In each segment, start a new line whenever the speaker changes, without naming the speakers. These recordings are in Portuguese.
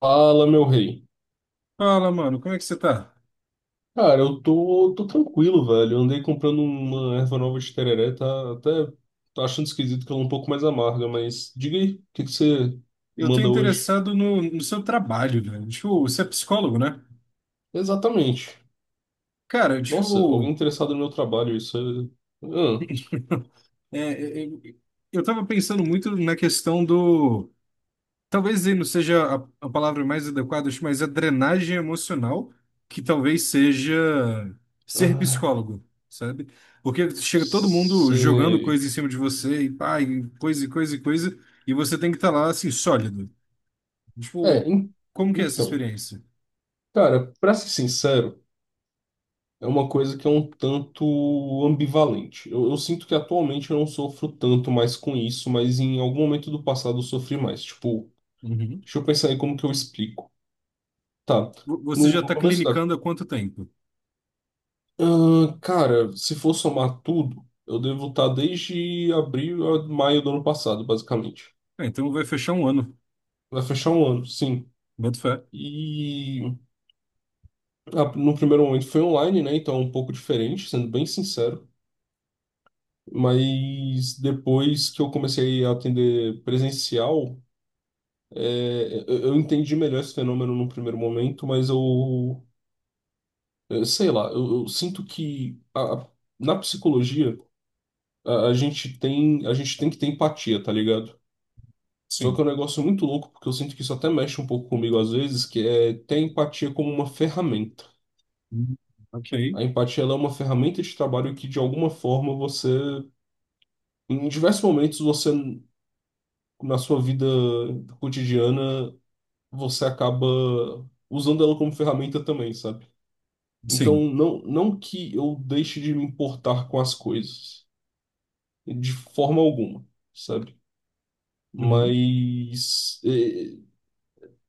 Fala, meu rei.
Fala, mano, como é que você tá?
Cara, eu tô tranquilo, velho. Eu andei comprando uma erva nova de tereré, tá até tô achando esquisito que ela é um pouco mais amarga, mas diga aí, o que que você
Eu tô
manda hoje?
interessado no seu trabalho, velho. Tipo, você é psicólogo, né?
Exatamente.
Cara,
Nossa, alguém
tipo,
interessado no meu trabalho, é... Ah,
é, é, é, eu tava pensando muito na questão do. Talvez aí não seja a palavra mais adequada, acho, mas a drenagem emocional, que talvez seja ser
ah,
psicólogo, sabe? Porque chega todo mundo jogando
sei.
coisa em cima de você, e pá, e coisa, e coisa, e coisa, e você tem que estar lá, assim, sólido.
É,
Tipo,
en-
como que é essa
então,
experiência?
cara, pra ser sincero, é uma coisa que é um tanto ambivalente. Eu sinto que atualmente eu não sofro tanto mais com isso, mas em algum momento do passado eu sofri mais. Tipo,
Uhum.
deixa eu pensar aí como que eu explico. Tá.
Você já
No
está
começo da.
clinicando há quanto tempo?
Ah, cara, se for somar tudo, eu devo estar desde abril a maio do ano passado, basicamente.
Ah, então vai fechar um ano.
Vai fechar um ano, sim.
Boto fé.
E no primeiro momento foi online, né? Então é um pouco diferente, sendo bem sincero. Mas depois que eu comecei a atender presencial, é, eu entendi melhor esse fenômeno no primeiro momento, mas eu sei lá, eu sinto que na psicologia a gente tem que ter empatia, tá ligado? Só que
Sim.
é um negócio muito louco, porque eu sinto que isso até mexe um pouco comigo às vezes, que é ter a empatia como uma ferramenta.
Hum. Ok.
A empatia ela é uma ferramenta de trabalho que de alguma forma você, em diversos momentos você na sua vida cotidiana, você acaba usando ela como ferramenta também, sabe? Então,
Sim.
não que eu deixe de me importar com as coisas, de forma alguma, sabe?
Uhum.
Mas,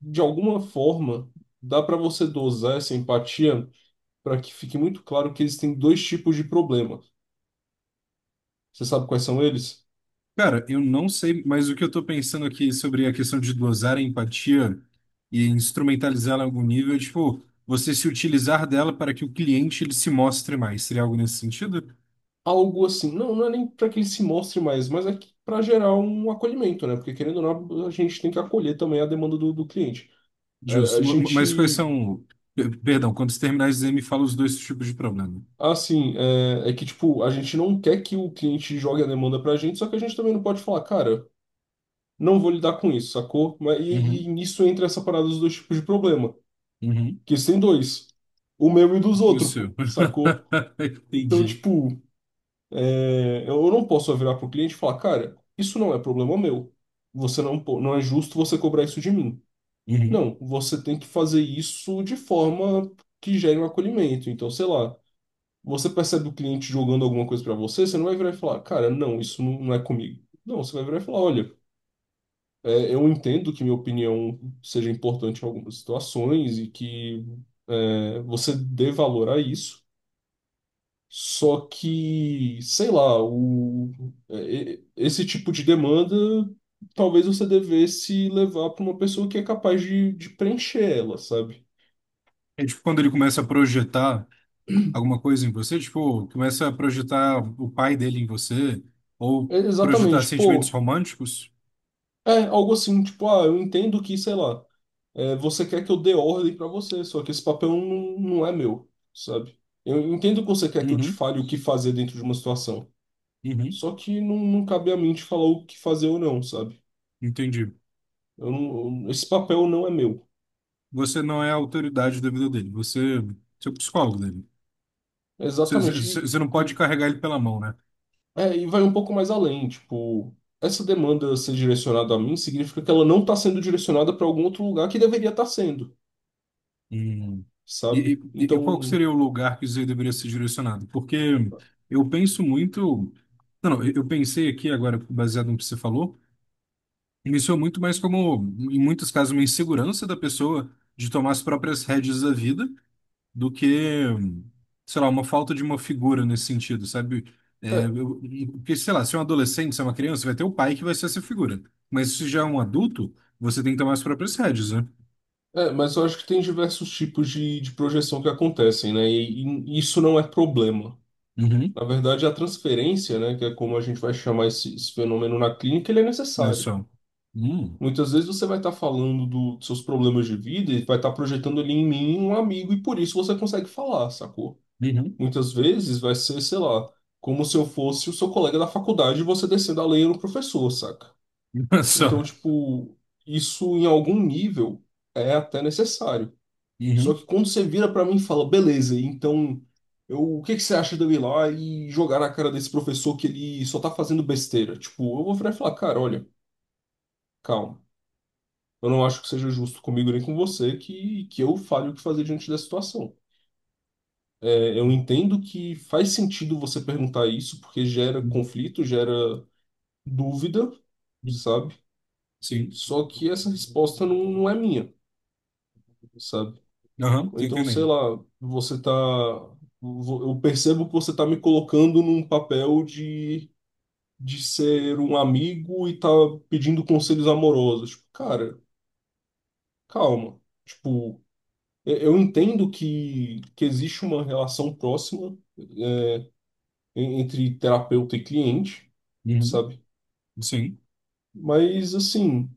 de alguma forma, dá para você dosar essa empatia para que fique muito claro que existem dois tipos de problema. Você sabe quais são eles?
Cara, eu não sei, mas o que eu estou pensando aqui sobre a questão de dosar a empatia e instrumentalizá-la em algum nível é, tipo, você se utilizar dela para que o cliente ele se mostre mais. Seria algo nesse sentido?
Algo assim, não é nem para que ele se mostre mais, mas é para gerar um acolhimento, né? Porque, querendo ou não, a gente tem que acolher também a demanda do cliente.
Justo.
A
Mas quais
gente.
são... Perdão, quando você terminar o exame, me fala os dois tipos de problema.
Assim, é que, tipo, a gente não quer que o cliente jogue a demanda pra gente, só que a gente também não pode falar, cara, não vou lidar com isso, sacou? Mas, e
Uhum,
nisso entra essa parada dos dois tipos de problema,
uhum.
que isso tem dois, o meu e dos
E o
outros,
seu?
pô, sacou? Então,
Entendi.
tipo, é, eu não posso só virar pro cliente e falar, cara, isso não é problema meu, você não, po- não é justo você cobrar isso de mim.
Uhum.
Não, você tem que fazer isso de forma que gere um acolhimento, então, sei lá. Você percebe o cliente jogando alguma coisa para você, você não vai virar e falar, cara, não, não é comigo. Não, você vai virar e falar, olha, é, eu entendo que minha opinião seja importante em algumas situações e que é, você dê valor a isso, só que, sei lá, é, esse tipo de demanda talvez você devesse levar para uma pessoa que é capaz de preencher ela, sabe?
É tipo quando ele começa a projetar alguma coisa em você, tipo, começa a projetar o pai dele em você, ou
É,
projetar
exatamente,
sentimentos
pô,
românticos.
é algo assim, tipo, ah, eu entendo que, sei lá. É, você quer que eu dê ordem pra você, só que esse papel não é meu, sabe? Eu entendo que você quer que eu te
Uhum,
fale o que fazer dentro de uma situação,
uhum.
só que não cabe a mim te falar o que fazer ou não, sabe?
Entendi.
Eu não- eu- esse papel não é meu.
Você não é a autoridade da vida dele, você é o psicólogo dele.
Exatamente.
Você não pode carregar ele pela mão, né?
E vai um pouco mais além, tipo, essa demanda ser direcionada a mim significa que ela não está sendo direcionada para algum outro lugar que deveria estar sendo,
Hum.
sabe?
E qual que
Então.
seria o lugar que isso aí deveria ser direcionado? Porque eu penso muito. Não, não, eu pensei aqui agora, baseado no que você falou. Isso é muito mais como, em muitos casos, uma insegurança da pessoa de tomar as próprias rédeas da vida do que, sei lá, uma falta de uma figura nesse sentido, sabe? É,
é,
eu- porque, sei lá, se é um adolescente, se é uma criança, vai ter o pai que vai ser essa figura. Mas se já é um adulto, você tem que tomar as próprias rédeas, né?
É, mas eu acho que tem diversos tipos de projeção que acontecem, né? E isso não é problema.
Uhum.
Na verdade, a transferência, né, que é como a gente vai chamar esse fenômeno na clínica, ele é
Não é
necessário.
só. Hum.
Muitas vezes você vai estar falando dos seus problemas de vida e vai estar projetando ali em mim um amigo e por isso você consegue falar, sacou?
Uhum.
Muitas vezes vai ser, sei lá, como se eu fosse o seu colega da faculdade e você descendo a lenha no professor, saca?
Não é
Então,
só.
tipo, isso em algum nível é até necessário. Só
Uhum.
que quando você vira pra mim e fala, beleza, então eu, o que que você acha de eu ir lá e jogar na cara desse professor que ele só tá fazendo besteira? Tipo, eu vou virar e falar, cara, olha, calma. Eu não acho que seja justo comigo nem com você que eu fale o que fazer diante da situação. É, eu entendo que faz sentido você perguntar isso porque gera conflito, gera dúvida, sabe?
Sim.
Só que essa resposta não é minha, sabe?
Aham,
Ou
tô
então, sei
entendendo.
lá, eu percebo que você tá me colocando num papel de ser um amigo e tá pedindo conselhos amorosos. Tipo, cara, calma. Tipo, eu entendo que existe uma relação próxima entre terapeuta e cliente,
Uhum.
sabe?
Sim.
Mas, assim,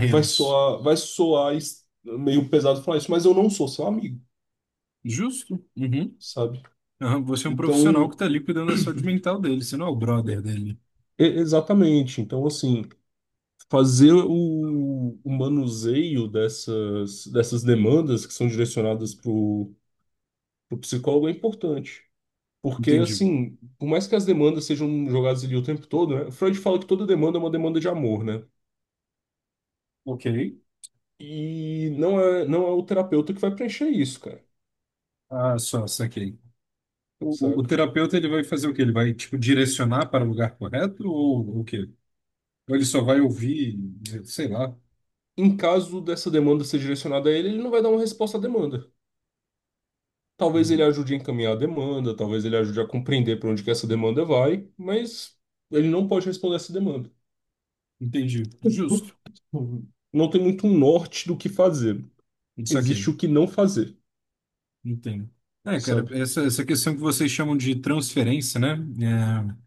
vai soar, meio pesado falar isso, mas eu não sou seu amigo,
Justo. Uhum.
sabe?
Aham, você é um profissional que
Então,
está ali cuidando da saúde mental dele, você não é o brother dele.
exatamente. Então, assim. Fazer o manuseio dessas, dessas demandas que são direcionadas para o psicólogo é importante. Porque,
Entendi.
assim, por mais que as demandas sejam jogadas ali o tempo todo, né? Freud fala que toda demanda é uma demanda de amor, né?
Ok.
E não é o terapeuta que vai preencher isso, cara,
Ah, só, saquei. O
saca?
terapeuta, ele vai fazer o quê? Ele vai, tipo, direcionar para o lugar correto ou o quê? Ou ele só vai ouvir, sei lá.
Em caso dessa demanda ser direcionada a ele, ele não vai dar uma resposta à demanda. Talvez ele
Hum.
ajude a encaminhar a demanda, talvez ele ajude a compreender para onde que essa demanda vai, mas ele não pode responder essa demanda.
Entendi. Justo.
Não tem muito um norte do que fazer. Existe
Saquei.
o que não fazer,
Entendo. É, cara,
sabe?
essa questão que vocês chamam de transferência, né? É,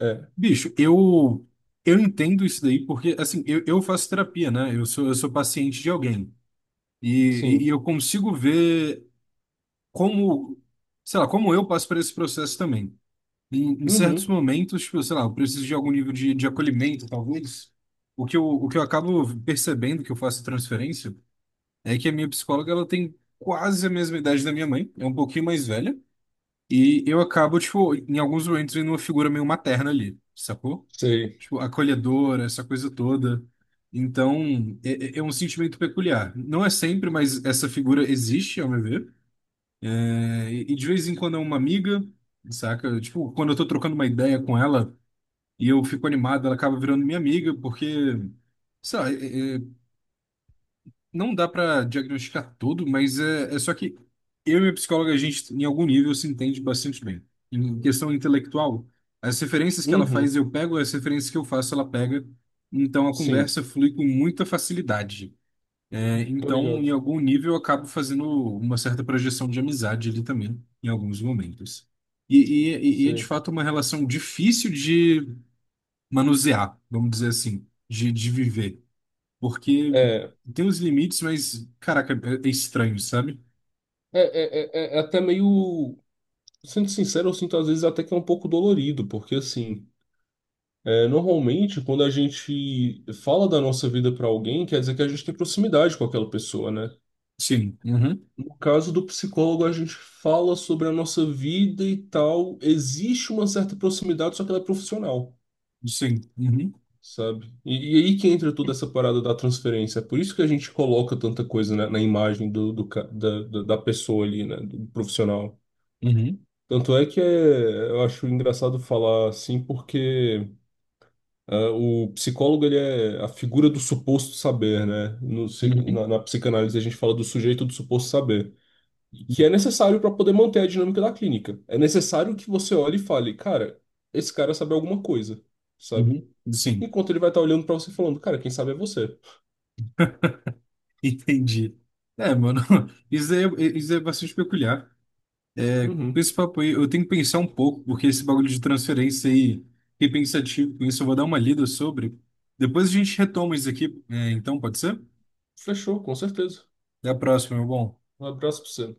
É,
bicho, eu entendo isso daí porque, assim, eu faço terapia, né? Eu sou paciente de alguém. E, e
sim.
eu consigo ver como, sei lá, como eu passo por esse processo também. Em certos
Uhum,
momentos, tipo, sei lá, eu preciso de algum nível de acolhimento, talvez. O que eu acabo percebendo que eu faço transferência é que a minha psicóloga, ela tem quase a mesma idade da minha mãe, é um pouquinho mais velha. E eu acabo, tipo, em alguns momentos, vendo uma figura meio materna ali, sacou?
sei.
Tipo, acolhedora, essa coisa toda. Então, é é um sentimento peculiar. Não é sempre, mas essa figura existe, ao meu ver. É, e de vez em quando é uma amiga, saca? Tipo, quando eu tô trocando uma ideia com ela e eu fico animado, ela acaba virando minha amiga, porque, sei lá, não dá pra diagnosticar tudo, mas é só que eu e minha psicóloga, a gente, em algum nível, se entende bastante bem. Em questão intelectual, as referências que ela
Uhum,
faz, eu pego, as referências que eu faço, ela pega. Então a
sim.
conversa flui com muita facilidade. É,
Tô
então, em
ligado.
algum nível, eu acabo fazendo uma certa projeção de amizade ali também, em alguns momentos. E, e é de
Sei.
fato uma relação difícil de manusear, vamos dizer assim, de viver. Porque
É, é, é,
tem uns limites, mas, caraca, é é estranho, sabe?
é é até meio. Sendo sincero, eu sinto às vezes até que é um pouco dolorido, porque assim, é, normalmente quando a gente fala da nossa vida pra alguém, quer dizer que a gente tem proximidade com aquela pessoa, né?
Sim, uhum,
No caso do psicólogo, a gente fala sobre a nossa vida e tal. Existe uma certa proximidade, só que ela é profissional,
sim, uhum,
sabe? E aí que entra toda essa parada da transferência. É por isso que a gente coloca tanta coisa na imagem do, do ca- da, da da pessoa ali, né? Do profissional.
uhum,
Tanto é que é, eu acho engraçado falar assim, porque o psicólogo ele é a figura do suposto saber, né?
uhum,
Na psicanálise a gente fala do sujeito do suposto saber. Que é necessário para poder manter a dinâmica da clínica. É necessário que você olhe e fale, cara, esse cara sabe alguma coisa, sabe?
uhum, sim,
Enquanto ele vai estar olhando para você e falando, cara, quem sabe é você.
entendi. É, mano, isso daí é bastante peculiar. Com
Uhum.
esse papo aí, eu tenho que pensar um pouco, porque esse bagulho de transferência aí, fiquei pensativo com isso, eu vou dar uma lida sobre. Depois a gente retoma isso aqui, é, então, pode ser?
Fechou, com certeza.
Até a próxima, meu bom.
Um abraço para você.